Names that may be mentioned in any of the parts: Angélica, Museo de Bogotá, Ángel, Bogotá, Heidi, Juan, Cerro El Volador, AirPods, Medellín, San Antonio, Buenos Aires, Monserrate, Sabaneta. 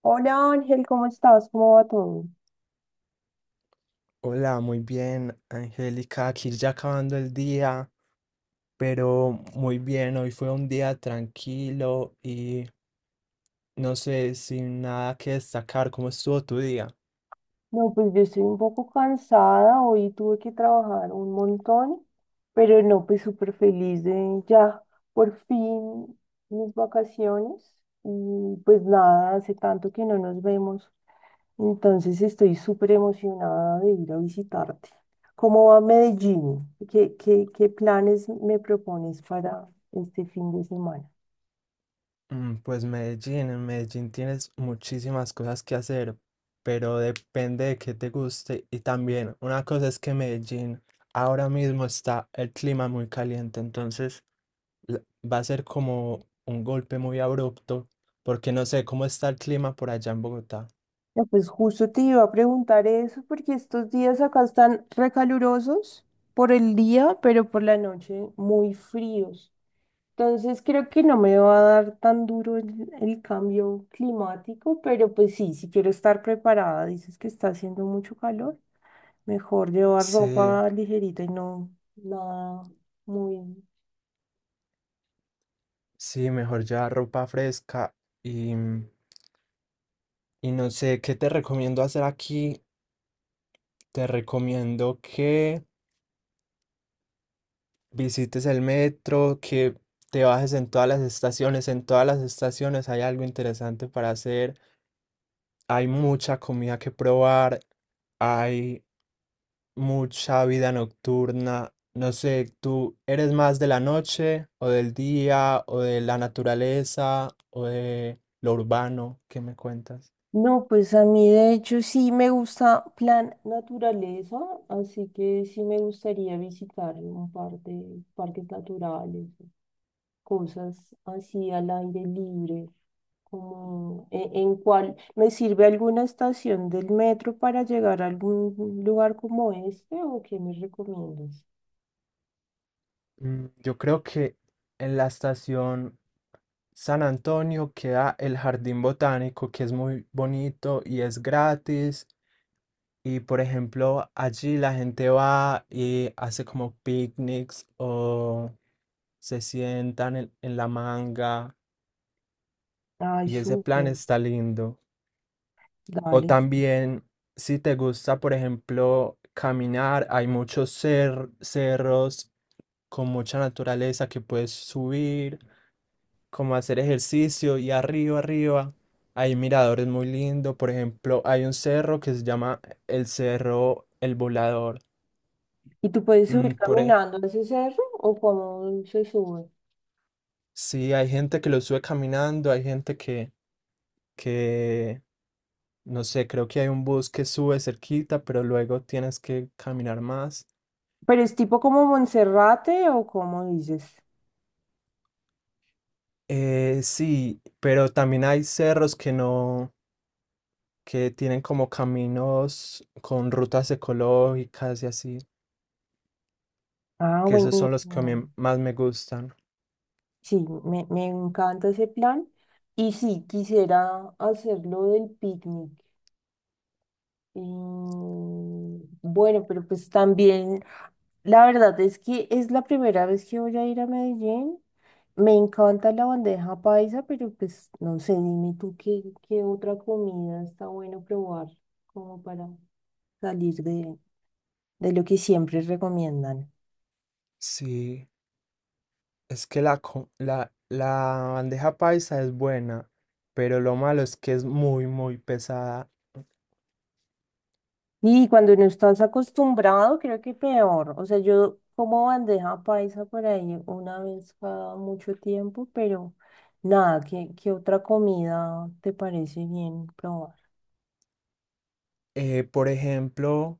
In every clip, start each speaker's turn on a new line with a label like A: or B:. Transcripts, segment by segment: A: Hola Ángel, ¿cómo estás? ¿Cómo va todo?
B: Hola, muy bien, Angélica. Aquí ya acabando el día, pero muy bien. Hoy fue un día tranquilo y no sé, sin nada que destacar. ¿Cómo estuvo tu día?
A: No, pues yo estoy un poco cansada, hoy tuve que trabajar un montón, pero no, pues súper feliz de ya por fin mis vacaciones. Y pues nada, hace tanto que no nos vemos, entonces estoy súper emocionada de ir a visitarte. ¿Cómo va Medellín? ¿Qué planes me propones para este fin de semana?
B: Pues Medellín, en Medellín tienes muchísimas cosas que hacer, pero depende de qué te guste. Y también, una cosa es que Medellín ahora mismo está el clima muy caliente, entonces la- va a ser como un golpe muy abrupto, porque no sé cómo está el clima por allá en Bogotá.
A: No, pues justo te iba a preguntar eso, porque estos días acá están recalurosos por el día, pero por la noche muy fríos. Entonces creo que no me va a dar tan duro el cambio climático, pero pues sí, si quiero estar preparada, dices que está haciendo mucho calor, mejor llevar
B: Sí,
A: ropa ligerita y no nada muy.
B: sí, mejor llevar ropa fresca y, y no sé, ¿qué te recomiendo hacer aquí? Te recomiendo que visites el metro, que te bajes en todas las estaciones. En todas las estaciones hay algo interesante para hacer. Hay mucha comida que probar. Hay mucha vida nocturna. No sé, ¿tú eres más de la noche o del día o de la naturaleza o de lo urbano? ¿Qué me cuentas?
A: No, pues a mí de hecho sí me gusta plan naturaleza, así que sí me gustaría visitar un par de parques naturales, cosas así al aire libre, como en, cuál me sirve alguna estación del metro para llegar a algún lugar como este o qué me recomiendas.
B: Yo creo que en la estación San Antonio queda el jardín botánico que es muy bonito y es gratis. Y por ejemplo, allí la gente va y hace como picnics o se sientan en la manga
A: Ay,
B: y ese plan
A: súper,
B: está lindo. O
A: dale. Sí.
B: también, si te gusta, por ejemplo, caminar, hay muchos cerros con mucha naturaleza que puedes subir, como hacer ejercicio y arriba hay miradores muy lindos. Por ejemplo, hay un cerro que se llama el Cerro El Volador.
A: ¿Y tú puedes subir
B: Mm, por ej-
A: caminando a ese cerro o cómo se sube?
B: sí, hay gente que lo sube caminando, hay gente que, no sé, creo que hay un bus que sube cerquita, pero luego tienes que caminar más.
A: ¿Pero es tipo como Monserrate o cómo dices?
B: Sí, pero también hay cerros que no, que tienen como caminos con rutas ecológicas y así,
A: Ah,
B: que esos son los que a
A: buenísimo.
B: mí más me gustan.
A: Sí, me encanta ese plan. Y sí, quisiera hacerlo del picnic. Y bueno, pero pues también, la verdad es que es la primera vez que voy a ir a Medellín. Me encanta la bandeja paisa, pero pues no sé, dime tú qué otra comida está bueno probar como para salir de lo que siempre recomiendan.
B: Sí, es que la bandeja paisa es buena, pero lo malo es que es muy, muy pesada.
A: Y cuando no estás acostumbrado, creo que peor. O sea, yo como bandeja paisa por ahí una vez cada mucho tiempo, pero nada, ¿qué otra comida te parece bien probar?
B: Por ejemplo,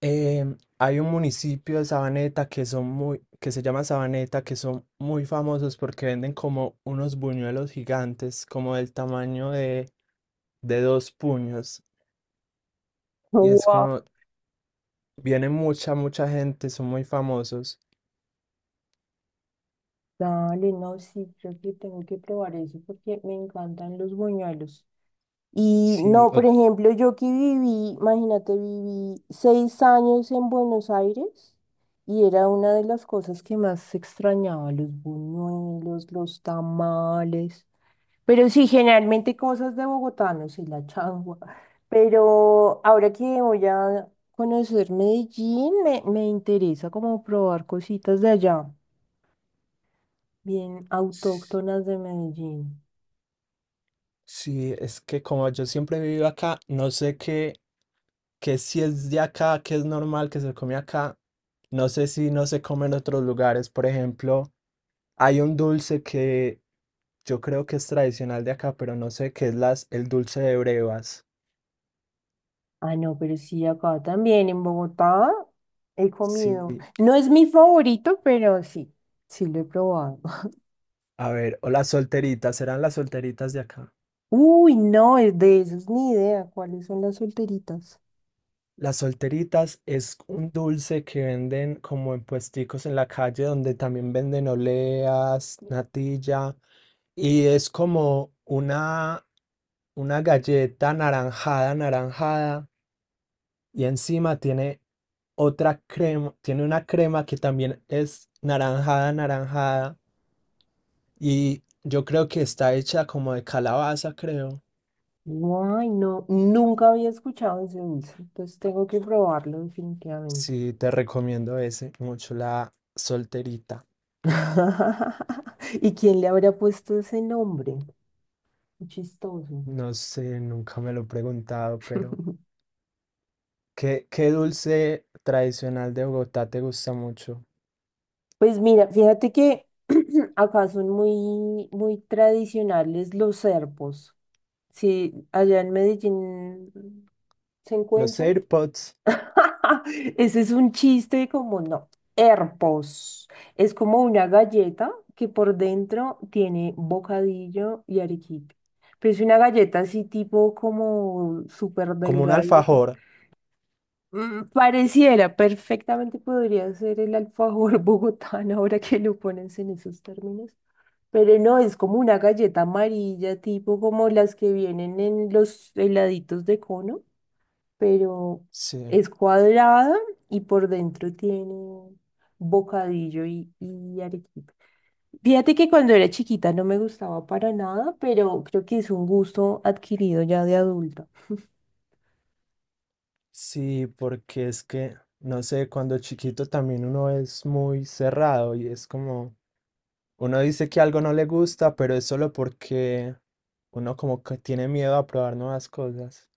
B: hay un municipio de Sabaneta que son muy, que se llama Sabaneta, que son muy famosos porque venden como unos buñuelos gigantes, como del tamaño de dos puños. Y es
A: Wow.
B: como viene mucha, mucha gente, son muy famosos.
A: Dale, no, sí, creo que tengo que probar eso porque me encantan los buñuelos. Y
B: Sí,
A: no, por
B: o-
A: ejemplo, yo que viví, imagínate, viví seis años en Buenos Aires y era una de las cosas que más extrañaba, los buñuelos, los tamales, pero sí, generalmente cosas de Bogotá no y la changua. Pero ahora que voy a conocer Medellín, me interesa como probar cositas de allá, bien autóctonas de Medellín.
B: sí, es que como yo siempre he vivido acá, no sé qué si es de acá, qué es normal que se come acá. No sé si no se come en otros lugares. Por ejemplo, hay un dulce que yo creo que es tradicional de acá, pero no sé qué es el dulce de brevas.
A: Ah, no, pero sí, acá también en Bogotá he comido.
B: Sí,
A: No es mi favorito, pero sí, sí lo he probado.
B: a ver, o las solteritas, ¿serán las solteritas de acá?
A: Uy, no, es de esos ni idea cuáles son las solteritas.
B: Las solteritas es un dulce que venden como en puesticos en la calle donde también venden oleas, natilla y es como una galleta naranjada, naranjada y encima tiene otra crema, tiene una crema que también es naranjada, naranjada y yo creo que está hecha como de calabaza, creo.
A: Guay, no, nunca había escuchado ese dulce, entonces tengo que probarlo definitivamente.
B: Sí, te recomiendo ese, mucho la solterita.
A: ¿Y quién le habrá puesto ese nombre? Qué chistoso.
B: No sé, nunca me lo he preguntado, pero ¿qué dulce tradicional de Bogotá te gusta mucho?
A: Pues mira, fíjate que acá son muy, muy tradicionales los serpos. Sí, allá en Medellín se
B: Los
A: encuentran.
B: AirPods.
A: Ese es un chiste como no. Herpos. Es como una galleta que por dentro tiene bocadillo y arequipe. Pero es una galleta así tipo como súper
B: Como un
A: delgadita.
B: alfajor.
A: Pareciera, perfectamente podría ser el alfajor bogotano ahora que lo pones en esos términos. Pero no, es como una galleta amarilla, tipo como las que vienen en los heladitos de cono, pero
B: Sí,
A: es cuadrada y por dentro tiene bocadillo y arequipe. Fíjate que cuando era chiquita no me gustaba para nada, pero creo que es un gusto adquirido ya de adulta.
B: sí, porque es que, no sé, cuando chiquito también uno es muy cerrado y es como, uno dice que algo no le gusta, pero es solo porque uno como que tiene miedo a probar nuevas cosas.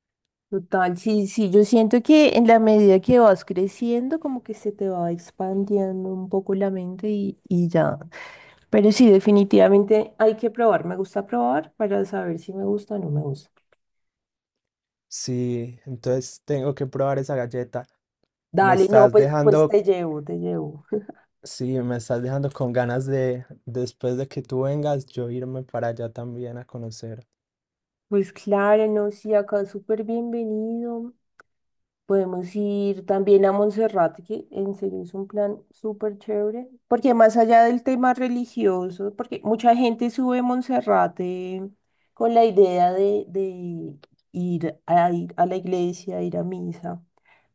A: Total, sí, sí, yo siento que en la medida que vas creciendo, como que se te va expandiendo un poco la mente y ya. Pero sí, definitivamente hay que probar. Me gusta probar para saber si me gusta o no me gusta.
B: Sí, entonces tengo que probar esa galleta. Me
A: Dale, no,
B: estás
A: pues, pues
B: dejando.
A: te llevo, te llevo.
B: Sí, me estás dejando con ganas de, después de que tú vengas, yo irme para allá también a conocer.
A: Pues claro, no, sí, acá súper bienvenido. Podemos ir también a Monserrate, que en serio es un plan súper chévere, porque más allá del tema religioso, porque mucha gente sube a Monserrate con la idea de ir a, ir a la iglesia, ir a misa,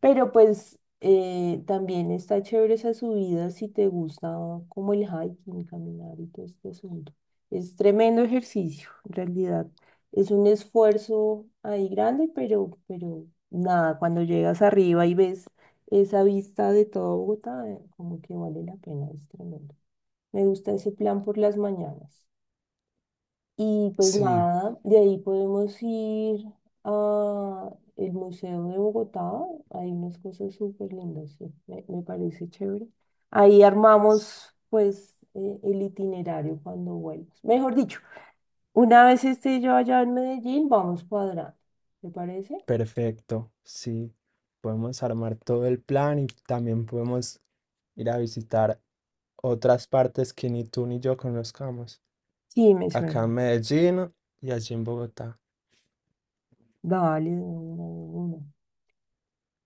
A: pero pues también está chévere esa subida si te gusta como el hiking, caminar y todo este asunto. Es tremendo ejercicio, en realidad. Es un esfuerzo ahí grande, pero nada, cuando llegas arriba y ves esa vista de todo Bogotá, como que vale la pena, es tremendo. Me gusta ese plan por las mañanas. Y pues
B: Sí,
A: nada, de ahí podemos ir a el Museo de Bogotá. Hay unas cosas súper lindas, sí, me parece chévere. Ahí armamos pues el itinerario cuando vuelvas. Mejor dicho, una vez esté yo allá en Medellín, vamos cuadrando. ¿Te parece?
B: perfecto. Sí, podemos armar todo el plan y también podemos ir a visitar otras partes que ni tú ni yo conozcamos.
A: Sí, me
B: Acá en
A: suena.
B: Medellín y allí en Bogotá.
A: Dale, de una,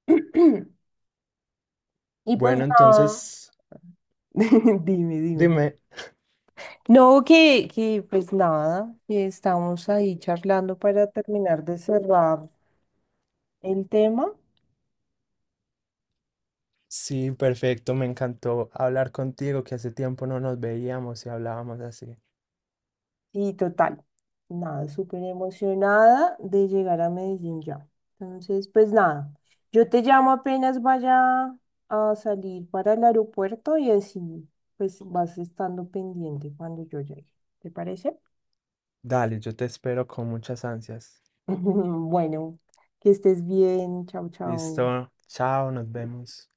A: de una. Y pues
B: Bueno,
A: nada,
B: entonces,
A: dime, dime.
B: dime.
A: No, que pues nada, que estamos ahí charlando para terminar de cerrar el tema
B: Sí, perfecto, me encantó hablar contigo, que hace tiempo no nos veíamos y hablábamos así.
A: y total, nada, súper emocionada de llegar a Medellín ya. Entonces, pues nada, yo te llamo apenas vaya a salir para el aeropuerto y así pues vas estando pendiente cuando yo llegue. ¿Te parece?
B: Dale, yo te espero con muchas ansias.
A: Bueno, que estés bien, chao, chao.
B: Listo, chao, nos vemos.